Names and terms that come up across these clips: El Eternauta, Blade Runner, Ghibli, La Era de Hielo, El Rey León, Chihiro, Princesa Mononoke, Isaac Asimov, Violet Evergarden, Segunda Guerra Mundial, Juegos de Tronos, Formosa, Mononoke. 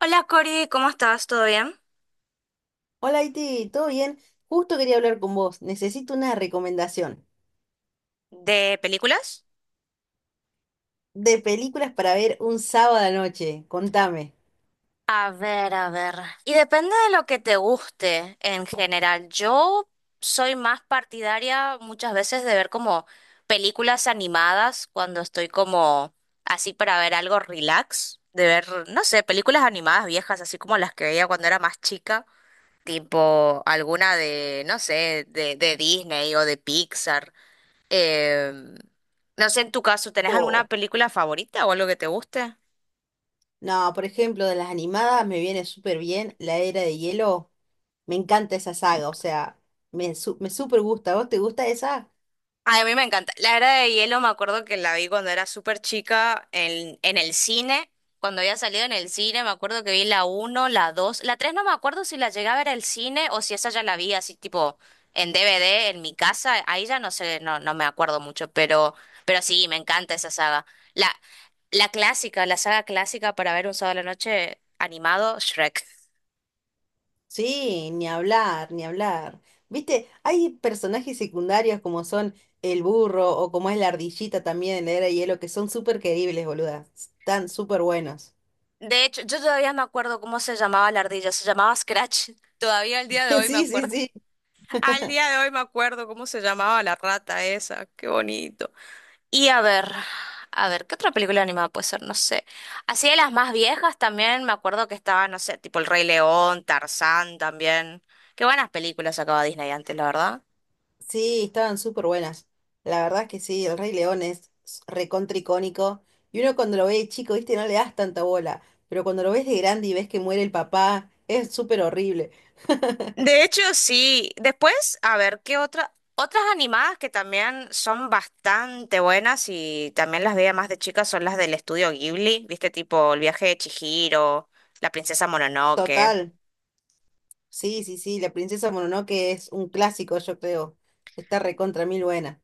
Hola Cori, ¿cómo estás? ¿Todo bien? Hola, Iti, ¿todo bien? Justo quería hablar con vos. Necesito una recomendación ¿De películas? de películas para ver un sábado a la noche. Contame. A ver, a ver. Y depende de lo que te guste en general. Yo soy más partidaria muchas veces de ver como películas animadas cuando estoy como así para ver algo relax, de ver, no sé, películas animadas viejas, así como las que veía cuando era más chica, tipo alguna de, no sé, de Disney o de Pixar. Eh, no sé, en tu caso, ¿tenés alguna Oh, película favorita o algo que te guste? no, por ejemplo, de las animadas me viene súper bien La Era de Hielo. Me encanta esa saga, o sea, me súper gusta. ¿A ¿Vos te gusta esa? Ay, a mí me encanta. La Era de Hielo me acuerdo que la vi cuando era súper chica en el cine. Cuando había salido en el cine, me acuerdo que vi la uno la 2 la 3 no me acuerdo si la llegué a ver al cine o si esa ya la vi así tipo en DVD en mi casa. Ahí ya no sé, no, no me acuerdo mucho, pero sí, me encanta esa saga. La, la clásica, la saga clásica para ver un sábado a la noche animado, Shrek. Sí, ni hablar, ni hablar. Viste, hay personajes secundarios como son el burro o como es la ardillita también en La Era de Hielo que son súper queribles, boluda. Están súper buenos. De hecho, yo todavía me acuerdo cómo se llamaba la ardilla, se llamaba Scratch. Todavía al día de hoy me Sí, sí, acuerdo. sí. Al día de hoy me acuerdo cómo se llamaba la rata esa, qué bonito. Y a ver, ¿qué otra película animada puede ser? No sé. Así de las más viejas también me acuerdo que estaba, no sé, tipo El Rey León, Tarzán también. Qué buenas películas sacaba Disney antes, la verdad. Sí, estaban súper buenas. La verdad es que sí, el Rey León recontra icónico. Y uno cuando lo ve de chico, viste, no le das tanta bola. Pero cuando lo ves de grande y ves que muere el papá, es súper horrible. De hecho, sí. Después, a ver, ¿qué otras animadas que también son bastante buenas y también las veía más de chicas son las del estudio Ghibli, ¿viste? Tipo El viaje de Chihiro, La princesa Mononoke. Total. Sí, sí, sí, la princesa Mononoke es un clásico, yo creo. Está recontra mil buena.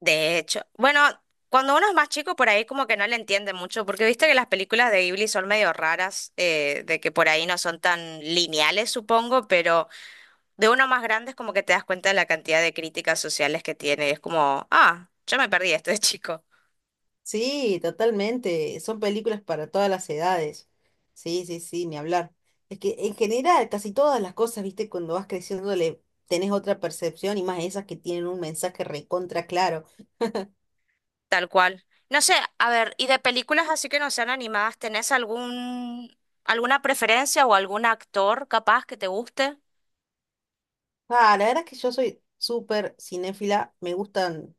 De hecho, bueno, cuando uno es más chico por ahí como que no le entiende mucho, porque viste que las películas de Ghibli son medio raras, de que por ahí no son tan lineales, supongo, pero de uno más grande es como que te das cuenta de la cantidad de críticas sociales que tiene y es como, ah, yo me perdí esto de chico. Sí, totalmente. Son películas para todas las edades. Sí, sí, sí, ni hablar. Es que en general, casi todas las cosas, viste, cuando vas creciendo le tenés otra percepción y más esas que tienen un mensaje recontra claro. Tal cual. No sé, a ver, y de películas así que no sean animadas, ¿tenés alguna preferencia o algún actor capaz que te guste? Ah, la verdad es que yo soy súper cinéfila, me gustan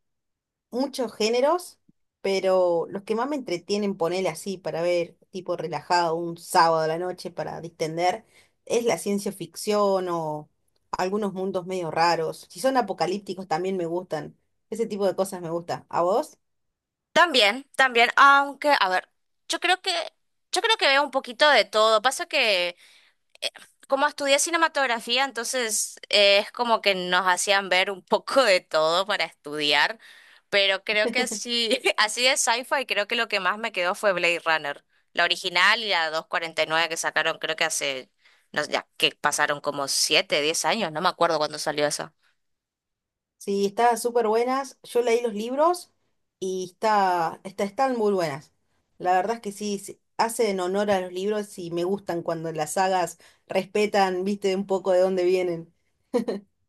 muchos géneros, pero los que más me entretienen, ponerle así para ver, tipo relajado, un sábado a la noche para distender, es la ciencia ficción o algunos mundos medio raros. Si son apocalípticos también me gustan. Ese tipo de cosas me gusta. ¿A vos? También, también, aunque, a ver, yo creo que, yo creo que veo un poquito de todo. Pasa que eh, como estudié cinematografía, entonces es como que nos hacían ver un poco de todo para estudiar, pero creo que así, así de sci-fi, creo que lo que más me quedó fue Blade Runner, la original y la 249 que sacaron, creo que hace, no sé, ya que pasaron como 7, 10 años, no me acuerdo cuándo salió esa. Sí, están súper buenas. Yo leí los libros y están muy buenas. La verdad es que sí, hacen honor a los libros y me gustan cuando las sagas respetan, viste, un poco de dónde vienen.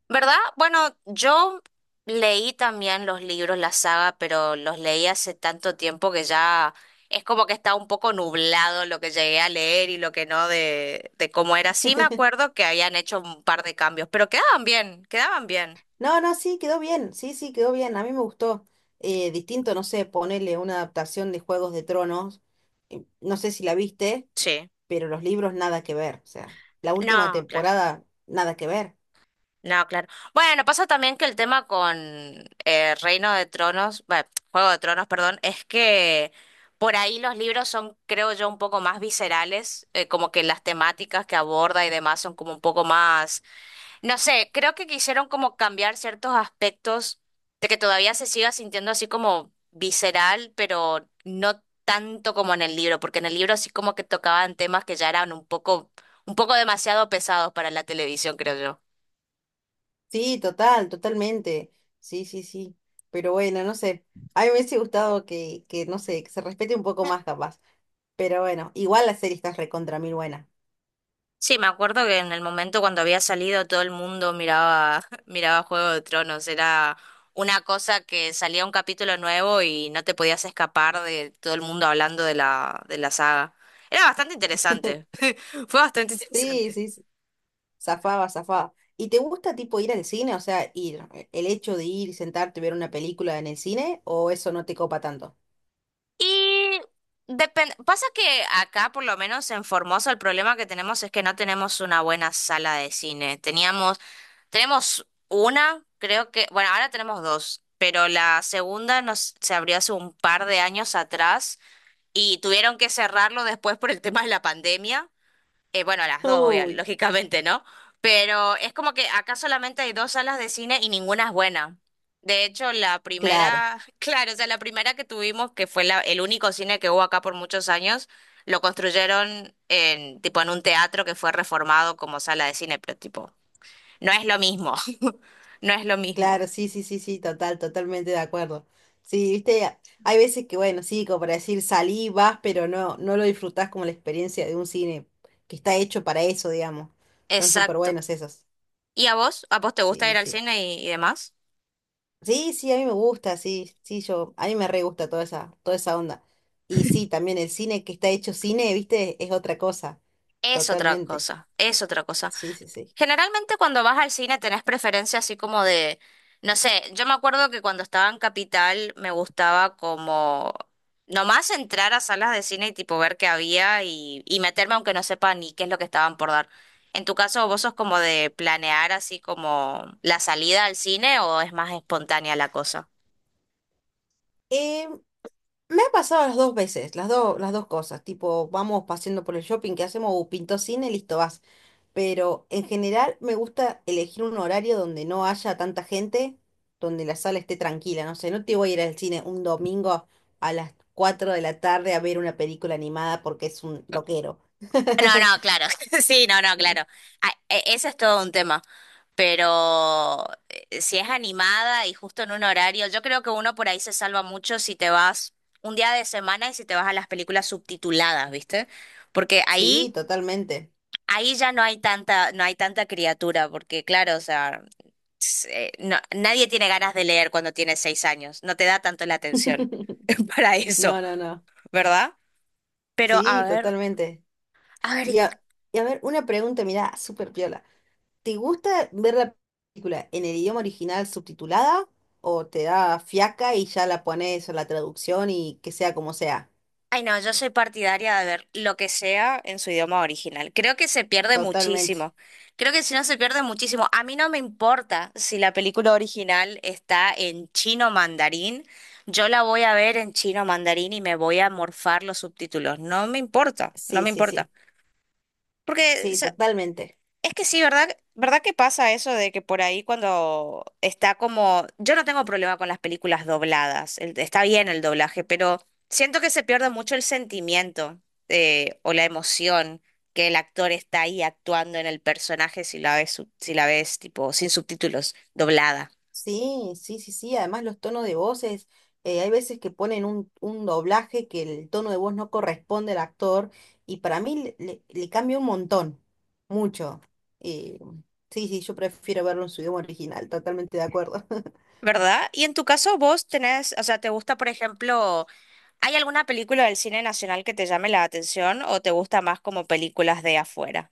¿Verdad? Bueno, yo leí también los libros, la saga, pero los leí hace tanto tiempo que ya es como que está un poco nublado lo que llegué a leer y lo que no de cómo era. Sí me acuerdo que habían hecho un par de cambios, pero quedaban bien, quedaban bien. No, no, sí, quedó bien, sí, sí, quedó bien, a mí me gustó. Distinto, no sé, ponerle una adaptación de Juegos de Tronos, no sé si la viste, Sí. pero los libros nada que ver, o sea, la última No, claro. temporada nada que ver. No, claro. Bueno, pasa también que el tema con Reino de Tronos, bueno, Juego de Tronos, perdón, es que por ahí los libros son, creo yo, un poco más viscerales, como que las temáticas que aborda y demás son como un poco más, no sé, creo que quisieron como cambiar ciertos aspectos de que todavía se siga sintiendo así como visceral, pero no tanto como en el libro, porque en el libro sí como que tocaban temas que ya eran un poco demasiado pesados para la televisión, creo yo. Sí, total, totalmente, sí, sí, sí, pero bueno, no sé, a mí me hubiese gustado que no sé, que se respete un poco más capaz, pero bueno, igual la serie está recontra mil buena. Sí, me acuerdo que en el momento cuando había salido todo el mundo miraba, miraba Juego de Tronos. Era una cosa que salía un capítulo nuevo y no te podías escapar de todo el mundo hablando de la saga. Era bastante interesante. Fue bastante Sí, interesante. sí, sí. Zafaba, zafaba. ¿Y te gusta tipo ir al cine? O sea, ir, el hecho de ir y sentarte y ver una película en el cine, ¿o eso no te copa tanto? Y depende, pasa que acá, por lo menos en Formosa, el problema que tenemos es que no tenemos una buena sala de cine. Teníamos Tenemos una, creo que, bueno, ahora tenemos dos, pero la segunda se abrió hace un par de años atrás y tuvieron que cerrarlo después por el tema de la pandemia. Bueno, las dos, obviamente, Uy, lógicamente, ¿no? Pero es como que acá solamente hay dos salas de cine y ninguna es buena. De hecho, la claro, primera, claro, o sea, la primera que tuvimos, que fue el único cine que hubo acá por muchos años, lo construyeron en, tipo, en un teatro que fue reformado como sala de cine, pero tipo no es lo mismo, no es lo claro, mismo. sí, sí, sí, sí, total, totalmente de acuerdo. Sí, viste, hay veces que, bueno, sí, como para decir, salí, vas, pero no, no lo disfrutás como la experiencia de un cine que está hecho para eso, digamos. Están súper Exacto. buenos esos. ¿Y a vos? ¿A vos te gusta ir Sí, al sí. cine y demás? Sí, sí, a mí me gusta, sí, sí, yo, a mí me re gusta toda esa onda. Y sí, también el cine que está hecho cine, viste, es otra cosa, Es otra totalmente. cosa, es otra cosa. Sí, sí, sí. Generalmente cuando vas al cine tenés preferencia así como de, no sé, yo me acuerdo que cuando estaba en Capital me gustaba como nomás entrar a salas de cine y tipo ver qué había y meterme aunque no sepa ni qué es lo que estaban por dar. En tu caso, ¿vos sos como de planear así como la salida al cine o es más espontánea la cosa? Eh, Me ha pasado las dos veces, las dos cosas, tipo, vamos paseando por el shopping, ¿qué hacemos? Pintó cine, listo, vas. Pero en general me gusta elegir un horario donde no haya tanta gente, donde la sala esté tranquila, no sé, no te voy a ir al cine un domingo a las 4 de la tarde a ver una película animada porque es un loquero. No, no, claro. Sí, no, no, claro. Ah, Ese es todo un tema. Pero si es animada y justo en un horario, yo creo que uno por ahí se salva mucho si te vas un día de semana y si te vas a las películas subtituladas, ¿viste? Porque Sí, ahí, totalmente. ahí ya no hay tanta, no hay tanta criatura, porque claro, o sea, nadie tiene ganas de leer cuando tienes 6 años. No te da tanto la atención para eso, No, no, no. ¿verdad? Pero a Sí, ver, totalmente. a ver. Y a, y a ver, una pregunta, mirá, súper piola. ¿Te gusta ver la película en el idioma original subtitulada o te da fiaca y ya la pones en la traducción y que sea como sea? Ay, no, yo soy partidaria de ver lo que sea en su idioma original. Creo que se pierde Totalmente. muchísimo. Creo que si no se pierde muchísimo. A mí no me importa si la película original está en chino mandarín. Yo la voy a ver en chino mandarín y me voy a morfar los subtítulos. No me importa, no Sí, me sí, importa. sí. Porque Sí, totalmente. es que sí, ¿verdad? ¿Verdad que pasa eso de que por ahí cuando está como? Yo no tengo problema con las películas dobladas, está bien el doblaje, pero siento que se pierde mucho el sentimiento o la emoción que el actor está ahí actuando en el personaje si la ves, si la ves tipo sin subtítulos, doblada, Sí, sí, sí, sí. Además los tonos de voces, hay veces que ponen un doblaje que el tono de voz no corresponde al actor y para mí le cambia un montón, mucho. Eh, sí, sí, yo prefiero verlo en su idioma original, totalmente de acuerdo. ¿verdad? Y en tu caso vos tenés, o sea, ¿te gusta, por ejemplo? ¿Hay alguna película del cine nacional que te llame la atención o te gusta más como películas de afuera?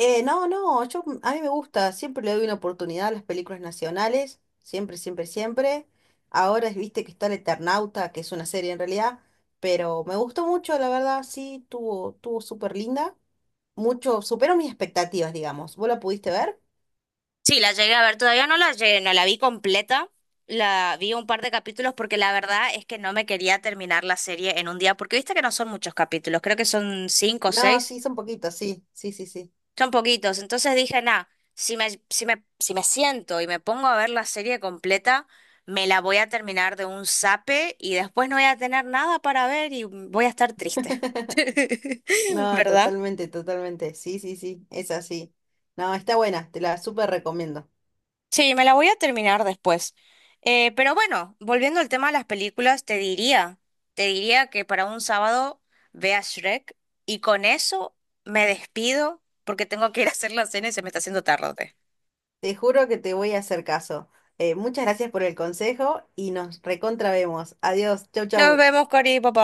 No, no, yo, a mí me gusta, siempre le doy una oportunidad a las películas nacionales, siempre, siempre, siempre. Ahora viste que está El Eternauta, que es una serie en realidad, pero me gustó mucho, la verdad, sí, tuvo súper linda. Mucho, superó mis expectativas, digamos. ¿Vos la pudiste ver? Sí, la llegué a ver, todavía no la llegué, no la vi completa, la vi un par de capítulos porque la verdad es que no me quería terminar la serie en un día, porque viste que no son muchos capítulos, creo que son cinco o No, seis, sí, son poquitos, sí, sí, sí, sí. Son poquitos. Entonces dije, nah, si me siento y me pongo a ver la serie completa, me la voy a terminar de un zape y después no voy a tener nada para ver y voy a estar triste. No, ¿Verdad? totalmente, totalmente, sí, sí, sí, es así. No, está buena, te la súper recomiendo. Sí, me la voy a terminar después. Pero bueno, volviendo al tema de las películas, te diría que para un sábado vea Shrek y con eso me despido porque tengo que ir a hacer la cena y se me está haciendo tarde. Te juro que te voy a hacer caso. Muchas gracias por el consejo y nos recontra vemos. Adiós, chau, Nos chau. vemos, Cori, papá.